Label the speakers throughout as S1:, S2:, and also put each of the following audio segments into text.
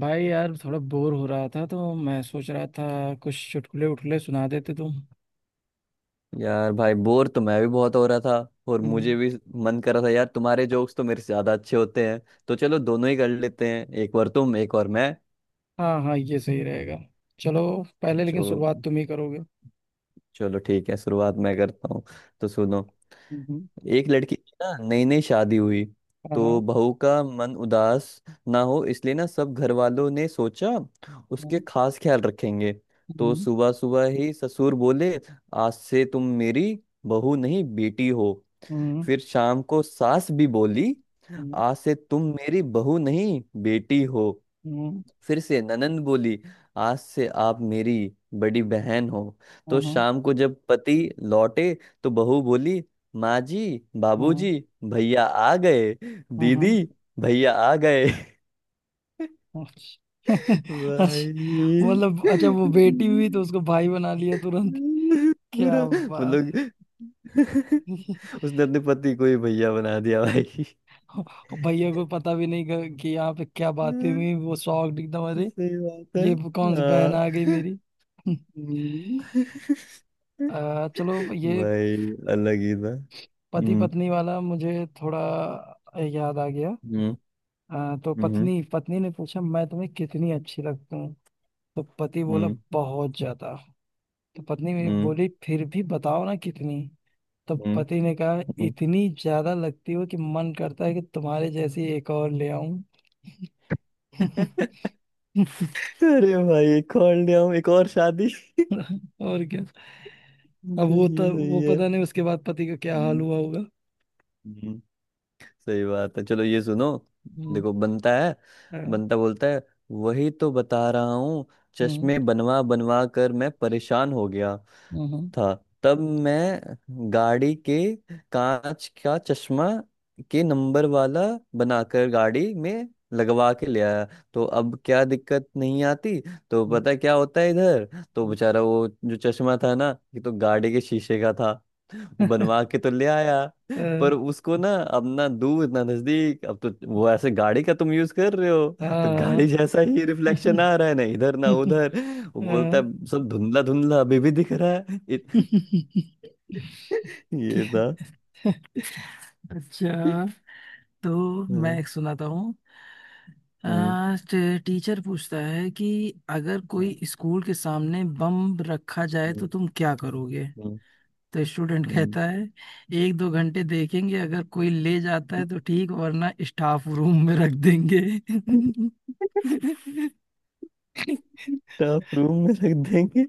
S1: भाई यार, थोड़ा बोर हो रहा था तो मैं सोच रहा था कुछ चुटकुले उठले सुना देते तुम।
S2: यार भाई बोर तो मैं भी बहुत हो रहा था और
S1: हम्म।
S2: मुझे भी मन कर रहा था। यार, तुम्हारे जोक्स तो मेरे से ज्यादा अच्छे होते हैं। तो चलो दोनों ही कर लेते हैं, एक बार तुम एक और मैं।
S1: हाँ हाँ, ये सही रहेगा। चलो। पहले लेकिन
S2: जो,
S1: शुरुआत तुम ही करोगे।
S2: चलो ठीक है, शुरुआत मैं करता हूँ। तो सुनो,
S1: हम्म।
S2: एक लड़की की ना नई नई शादी हुई।
S1: हाँ
S2: तो
S1: हाँ।
S2: बहू का मन उदास ना हो इसलिए ना सब घर वालों ने सोचा उसके
S1: हम्म।
S2: खास ख्याल रखेंगे। तो
S1: हम्म।
S2: सुबह सुबह ही ससुर बोले, आज से तुम मेरी बहू नहीं बेटी हो।
S1: हम्म।
S2: फिर शाम को सास भी बोली,
S1: हम्म।
S2: आज से तुम मेरी बहू नहीं बेटी हो।
S1: हम्म।
S2: फिर से ननंद बोली, आज से आप मेरी बड़ी बहन हो।
S1: हाँ।
S2: तो
S1: हाँ।
S2: शाम को जब पति लौटे तो बहू बोली, माँ जी,
S1: हाँ।
S2: बाबूजी, भैया आ गए। दीदी,
S1: हाँ।
S2: भैया आ गए।
S1: हाँ, अच्छा। अच्छा,
S2: भाई,
S1: मतलब अच्छा वो बेटी हुई तो उसको भाई बना लिया तुरंत।
S2: पूरा
S1: क्या बात
S2: मतलब उसने अपने पति को ही भैया बना दिया, भाई।
S1: है। भैया को पता भी नहीं कि यहाँ पे क्या बातें हुई, वो शॉक्ड एकदम। अरे
S2: सही बात है।
S1: ये कौन सी बहन आ गई
S2: हाँ।
S1: मेरी।
S2: हम्म।
S1: चलो ये
S2: भाई अलग ही था।
S1: पति
S2: हम्म।
S1: पत्नी वाला मुझे थोड़ा याद आ गया।
S2: हम्म।
S1: तो
S2: हम्म।
S1: पत्नी पत्नी ने पूछा मैं तुम्हें कितनी अच्छी लगती हूँ। तो पति बोला
S2: हम्म।
S1: बहुत ज्यादा। तो पत्नी भी
S2: हम्म।
S1: बोली फिर भी बताओ ना कितनी। तो
S2: हम्म।
S1: पति ने कहा
S2: हम्म।
S1: इतनी ज्यादा लगती हो कि मन करता है कि तुम्हारे जैसी एक और ले आऊं।
S2: अरे भाई एक और ले आओ, एक और शादी सही
S1: और क्या।
S2: है,
S1: अब वो तो वो
S2: सही है।
S1: पता नहीं उसके बाद पति का क्या हाल
S2: हम्म।
S1: हुआ होगा।
S2: हम्म। सही बात है, चलो ये सुनो।
S1: हम्म।
S2: देखो बनता है,
S1: अ,
S2: बनता बोलता है, वही तो बता रहा हूँ।
S1: हम्म।
S2: चश्मे बनवा बनवा कर मैं परेशान हो गया
S1: हम्म।
S2: था। तब मैं गाड़ी के कांच का चश्मा के नंबर वाला बनाकर गाड़ी में लगवा के ले आया। तो अब क्या, दिक्कत नहीं आती। तो
S1: हम्म।
S2: पता क्या होता है इधर? तो
S1: हम्म।
S2: बेचारा वो, जो चश्मा था ना, ये तो गाड़ी के शीशे का था। वो बनवा के तो ले आया पर उसको ना अब ना दूर ना नजदीक। अब तो वो ऐसे गाड़ी का तुम यूज कर रहे हो
S1: हाँ।
S2: तो गाड़ी
S1: हाँ।
S2: जैसा ही रिफ्लेक्शन आ रहा है, ना इधर ना उधर। वो बोलता है, सब धुंधला धुंधला अभी भी दिख रहा है इत... ये
S1: क्या-
S2: था।
S1: अच्छा, तो मैं
S2: हम्म।
S1: एक सुनाता हूँ।
S2: हम्म।
S1: टीचर पूछता है कि अगर कोई स्कूल के सामने बम रखा जाए तो
S2: हम्म।
S1: तुम क्या करोगे।
S2: हम्म।
S1: तो स्टूडेंट
S2: हम्म।
S1: कहता है एक दो घंटे देखेंगे अगर कोई ले जाता है तो ठीक, वरना स्टाफ रूम में रख देंगे।
S2: हम्म। स्टाफ रूम में रख देंगे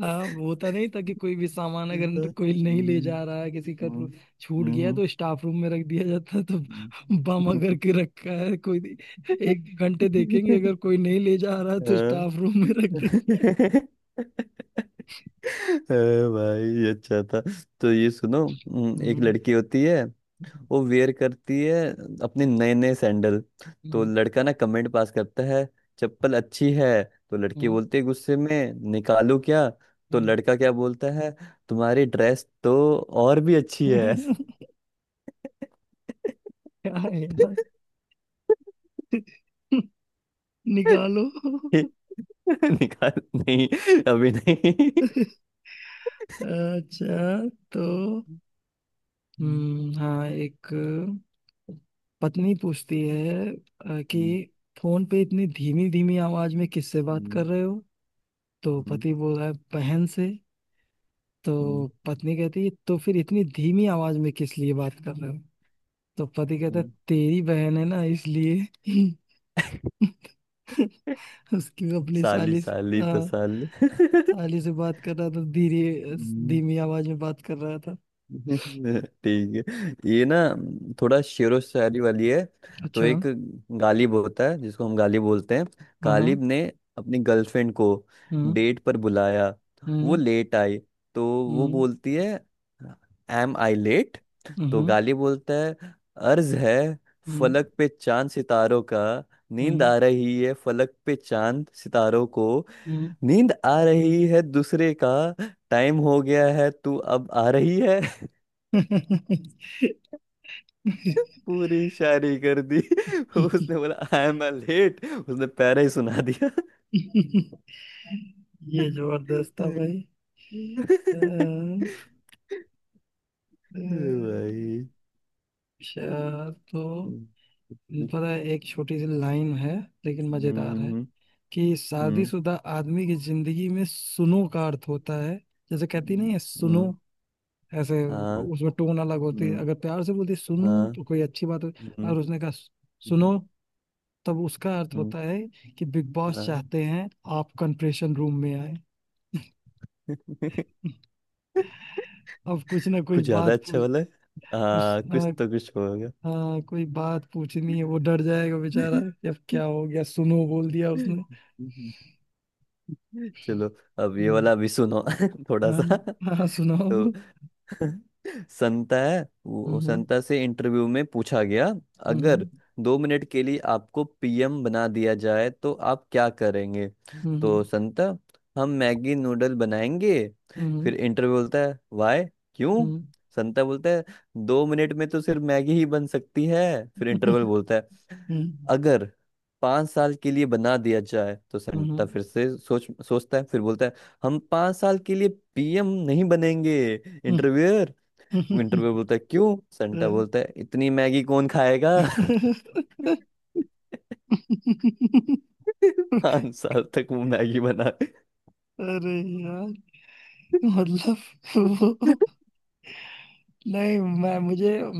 S1: हाँ, होता नहीं था कि कोई भी सामान
S2: ये था।
S1: अगर कोई नहीं ले
S2: हम्म।
S1: जा रहा है किसी का तो
S2: हम्म।
S1: छूट गया
S2: हम्म।
S1: तो स्टाफ रूम में रख दिया जाता। तो
S2: हम्म।
S1: बम अगर के रखा है कोई, एक दो घंटे देखेंगे अगर कोई नहीं ले जा रहा है तो
S2: हाँ।
S1: स्टाफ रूम में रख देंगे।
S2: अरे भाई ये अच्छा था। तो ये सुनो, एक
S1: हम्म।
S2: लड़की होती है, वो वेयर करती है अपने नए नए सैंडल। तो
S1: हम्म।
S2: लड़का ना कमेंट पास करता है, चप्पल अच्छी है। तो लड़की
S1: हम्म।
S2: बोलती है गुस्से में, निकालू क्या? तो
S1: हम्म।
S2: लड़का क्या बोलता है, तुम्हारी ड्रेस तो और भी अच्छी है।
S1: क्या है यार। निकालो।
S2: निकाल नहीं, अभी नहीं।
S1: अच्छा। तो
S2: हम्म।
S1: हाँ एक पत्नी पूछती है कि फोन पे इतनी धीमी धीमी आवाज में किससे
S2: हम्म।
S1: बात
S2: हम्म।
S1: कर रहे हो। तो
S2: हम्म।
S1: पति बोल रहा है बहन से।
S2: हम्म।
S1: तो पत्नी कहती है तो फिर इतनी धीमी आवाज में किस लिए बात कर रहे हो। तो पति कहता है
S2: हम्म।
S1: तेरी बहन है ना, इसलिए। उसकी अपनी
S2: साली
S1: साली से-
S2: साली
S1: हाँ,
S2: तो साली।
S1: साली से बात कर रहा था धीरे, धीमी आवाज में बात कर रहा था।
S2: ठीक है, ये ना थोड़ा शेरो शायरी वाली है। तो
S1: अच्छा।
S2: एक गालिब होता है जिसको हम गालिब बोलते हैं।
S1: हाँ हाँ।
S2: गालिब ने अपनी गर्लफ्रेंड को
S1: हम्म।
S2: डेट पर बुलाया। वो
S1: हम्म।
S2: लेट आई। तो वो
S1: हम्म।
S2: बोलती है, एम आई लेट? तो
S1: हम्म।
S2: गालिब बोलता है, अर्ज है,
S1: हम्म।
S2: फलक पे चांद सितारों का नींद
S1: हम्म।
S2: आ रही है। फलक पे चांद सितारों को
S1: हम्म।
S2: नींद आ रही है दूसरे का, टाइम हो गया है तू अब आ रही है। पूरी शायरी कर दी। उसने बोला आई एम लेट, उसने पैरा ही सुना दिया।
S1: ये जबरदस्त था भाई। अम, अम,
S2: भाई।
S1: अच्छा, तो पता है एक छोटी सी लाइन है लेकिन
S2: हम्म।
S1: मजेदार है
S2: हम्म।
S1: कि
S2: हम्म।
S1: शादीशुदा आदमी की जिंदगी में सुनो का अर्थ होता है। जैसे कहती नहीं है सुनो ऐसे,
S2: हाँ।
S1: उसमें टोन अलग होती है।
S2: हम्म।
S1: अगर प्यार से बोलती है सुनो,
S2: हाँ।
S1: तो कोई अच्छी बात
S2: हम्म।
S1: होती, और उसने कहा
S2: हम्म।
S1: सुनो तब उसका अर्थ
S2: हम्म।
S1: होता है कि बिग बॉस
S2: हाँ।
S1: चाहते हैं आप कंप्रेशन रूम में अब कुछ ना कुछ
S2: कुछ ज्यादा
S1: बात
S2: अच्छा
S1: पूछ।
S2: वाला है?
S1: कुछ
S2: हाँ, कुछ
S1: हाँ।
S2: तो कुछ होगा।
S1: हाँ, कोई बात पूछनी है, वो डर जाएगा बेचारा कि अब क्या हो गया सुनो बोल दिया उसने।
S2: चलो, अब ये
S1: हम्म।
S2: वाला भी सुनो थोड़ा
S1: हाँ
S2: सा।
S1: हाँ सुनाओ।
S2: तो संता है, वो संता से इंटरव्यू में पूछा गया,
S1: हम्म।
S2: अगर दो मिनट के लिए आपको पीएम बना दिया जाए तो आप क्या करेंगे।
S1: हम्म।
S2: तो
S1: हम्म।
S2: संता, हम मैगी नूडल बनाएंगे। फिर इंटरव्यू बोलता है वाय,
S1: हम्म।
S2: क्यों?
S1: हम्म।
S2: संता बोलता है 2 मिनट में तो सिर्फ मैगी ही बन सकती है। फिर इंटरवल बोलता है, अगर 5 साल के लिए बना दिया जाए। तो संता
S1: हम्म।
S2: फिर से सोचता है, फिर बोलता है हम 5 साल के लिए पीएम नहीं बनेंगे।
S1: हम्म। हम्म।
S2: इंटरव्यूअर विंटर पे बोलता है क्यों। सेंटा बोलता है इतनी मैगी कौन खाएगा। 5 साल तक वो मैगी बना।
S1: अरे यार, मतलब नहीं, मैं मुझे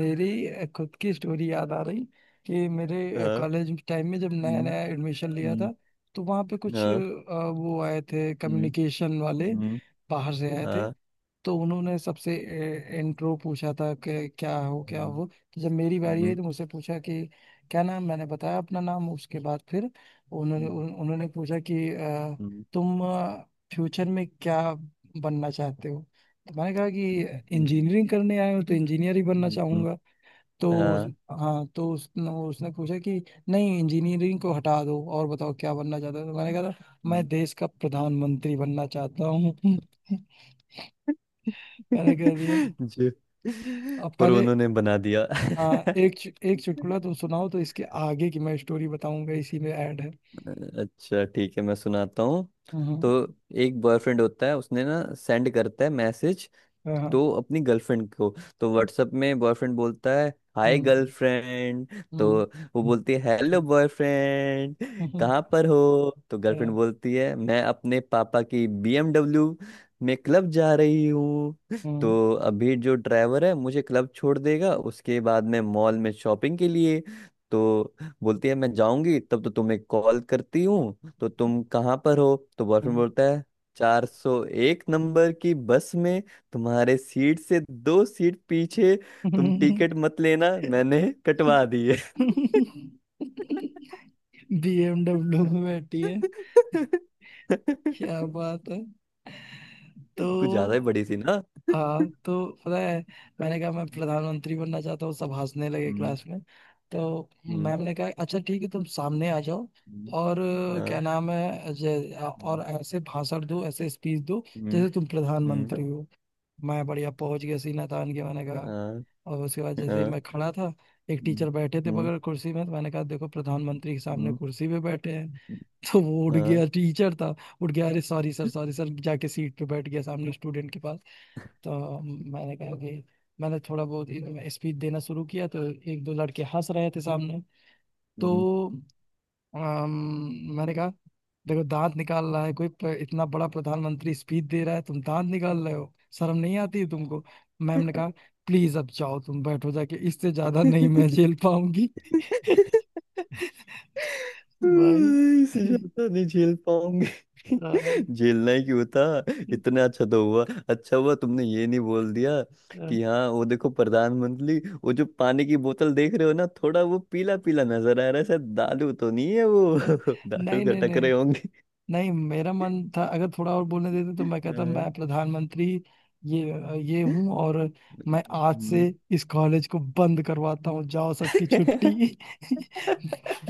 S1: मेरी खुद की स्टोरी याद आ रही कि मेरे
S2: हाँ।
S1: कॉलेज टाइम में जब नया
S2: हम्म।
S1: नया एडमिशन लिया
S2: हम्म।
S1: था। तो वहाँ पे कुछ
S2: हाँ।
S1: वो आए थे
S2: हम्म।
S1: कम्युनिकेशन वाले,
S2: हम्म।
S1: बाहर से आए थे।
S2: हाँ।
S1: तो उन्होंने सबसे इंट्रो पूछा था कि क्या हो क्या
S2: हम्म।
S1: हो। तो जब मेरी बारी आई
S2: हम्म।
S1: तो मुझसे पूछा कि क्या नाम, मैंने बताया अपना नाम। उसके बाद फिर
S2: हम्म।
S1: उन्होंने पूछा कि
S2: हम्म।
S1: तुम फ्यूचर में क्या बनना चाहते हो। तो मैंने कहा कि इंजीनियरिंग करने आए हो तो इंजीनियर ही बनना
S2: हम्म। हम्म।
S1: चाहूंगा। तो उस-
S2: हाँ।
S1: हाँ, तो उसने उसने पूछा कि नहीं, इंजीनियरिंग को हटा दो और बताओ क्या बनना चाहते हो। तो मैंने कहा था मैं
S2: हम्म।
S1: देश का प्रधानमंत्री बनना चाहता हूँ। मैंने कह दिया।
S2: जो,
S1: अब
S2: और
S1: पहले
S2: उन्होंने बना दिया।
S1: एक चुटकुला तो सुनाओ तो इसके आगे की मैं स्टोरी बताऊंगा, इसी में ऐड है।
S2: अच्छा ठीक है, मैं सुनाता हूँ। तो
S1: हम्म।
S2: एक बॉयफ्रेंड होता है, उसने ना सेंड करता है मैसेज
S1: हाँ हाँ।
S2: तो अपनी गर्लफ्रेंड को। तो व्हाट्सएप में बॉयफ्रेंड बोलता है, हाय
S1: हम्म।
S2: गर्लफ्रेंड। तो
S1: हम्म।
S2: वो बोलती है, हेलो बॉयफ्रेंड,
S1: हम्म।
S2: कहाँ पर हो? तो गर्लफ्रेंड बोलती है, मैं अपने पापा की बीएमडब्ल्यू में क्लब जा रही हूँ।
S1: हम्म।
S2: तो अभी जो ड्राइवर है मुझे क्लब छोड़ देगा, उसके बाद मैं मॉल में शॉपिंग के लिए, तो बोलती है मैं जाऊंगी तब तो तुम्हें कॉल करती हूँ। तो तुम कहाँ पर हो? तो बॉयफ्रेंड
S1: हम्म।
S2: बोलता है, 401 नंबर की बस में, तुम्हारे सीट से दो सीट पीछे। तुम टिकट मत लेना, मैंने कटवा दी है।
S1: BMW में बैठी है, क्या बात है।
S2: कुछ
S1: तो
S2: ज्यादा ही बड़ी सी ना।
S1: हाँ, तो पता है मैंने कहा मैं प्रधानमंत्री बनना चाहता हूँ, सब हंसने लगे
S2: हम्म।
S1: क्लास में। तो
S2: हम्म।
S1: मैम ने कहा अच्छा ठीक है तुम सामने आ जाओ
S2: हम्म।
S1: और क्या
S2: हाँ।
S1: नाम है जे-
S2: हम्म।
S1: और ऐसे भाषण दो, ऐसे स्पीच दो
S2: हम्म।
S1: जैसे तुम
S2: हम्म।
S1: प्रधानमंत्री हो। मैं बढ़िया पहुंच गया सीना तान के, मैंने कहा।
S2: हाँ।
S1: और उसके बाद जैसे ही
S2: हाँ।
S1: मैं खड़ा था, एक
S2: हम्म।
S1: टीचर बैठे थे
S2: हम्म।
S1: बगल कुर्सी में, तो मैंने कहा देखो प्रधानमंत्री के सामने
S2: हम्म।
S1: कुर्सी पे बैठे हैं। तो वो उठ
S2: हाँ।
S1: गया, टीचर था। उठ गया, अरे सॉरी सर सॉरी सर, जाके सीट पे बैठ गया सामने स्टूडेंट के पास। तो मैंने कहा कि मैंने थोड़ा बहुत स्पीच देना शुरू किया तो एक दो लड़के हंस रहे थे सामने।
S2: हम्म।
S1: तो अम, मैंने कहा देखो दांत निकाल रहा है कोई, इतना बड़ा प्रधानमंत्री स्पीच दे रहा है तुम दांत निकाल रहे हो, शर्म नहीं आती है तुमको। मैम ने कहा प्लीज अब जाओ तुम, बैठो जाके, इससे ज्यादा नहीं मैं झेल पाऊंगी। भाई।
S2: इस ज्यादा नहीं झेल पाऊंगी।
S1: अ,
S2: झेलना ही क्यों था, इतना अच्छा तो हुआ। अच्छा हुआ तुमने ये नहीं बोल दिया
S1: अ, अ,
S2: कि हाँ वो देखो प्रधानमंत्री, वो जो पानी की बोतल देख रहे हो ना, थोड़ा वो पीला पीला नजर आ रहा है, शायद दारू तो नहीं है वो। दारू
S1: नहीं नहीं
S2: खटक रहे
S1: नहीं।
S2: होंगे।
S1: नहीं, मेरा मन था अगर थोड़ा और बोलने देते तो मैं कहता
S2: हाँ।
S1: मैं प्रधानमंत्री ये ये हूँ और मैं आज से
S2: हम्म।
S1: इस कॉलेज को बंद करवाता हूँ, जाओ सबकी छुट्टी।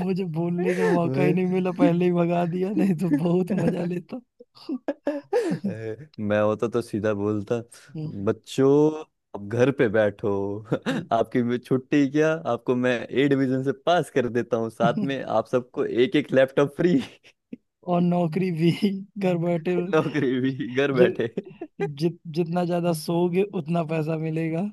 S1: मुझे बोलने का मौका ही नहीं मिला, पहले ही भगा दिया,
S2: वही।
S1: नहीं तो बहुत मजा लेता।
S2: ए, मैं होता तो सीधा बोलता, बच्चों अब घर पे बैठो। आपकी भी छुट्टी, क्या आपको मैं ए डिवीजन से पास कर देता हूँ, साथ में आप सबको एक एक लैपटॉप फ्री।
S1: और नौकरी भी घर बैठे।
S2: नौकरी भी घर
S1: जि,
S2: बैठे।
S1: जि, जितना ज्यादा सोओगे उतना पैसा मिलेगा।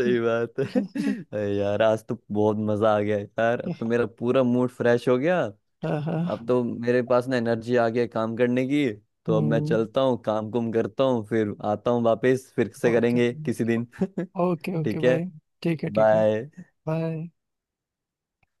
S2: सही बात है। अरे यार आज तो बहुत मजा आ गया यार, अब तो मेरा पूरा मूड फ्रेश हो गया।
S1: हाँ हाँ।
S2: अब तो मेरे पास ना एनर्जी आ गया काम करने की। तो अब मैं
S1: हम्म।
S2: चलता हूँ, काम कुम करता हूँ, फिर आता हूँ वापस, फिर से
S1: ओके।
S2: करेंगे किसी दिन।
S1: ओके ओके
S2: ठीक है,
S1: भाई। ठीक है ठीक है।
S2: बाय।
S1: बाय।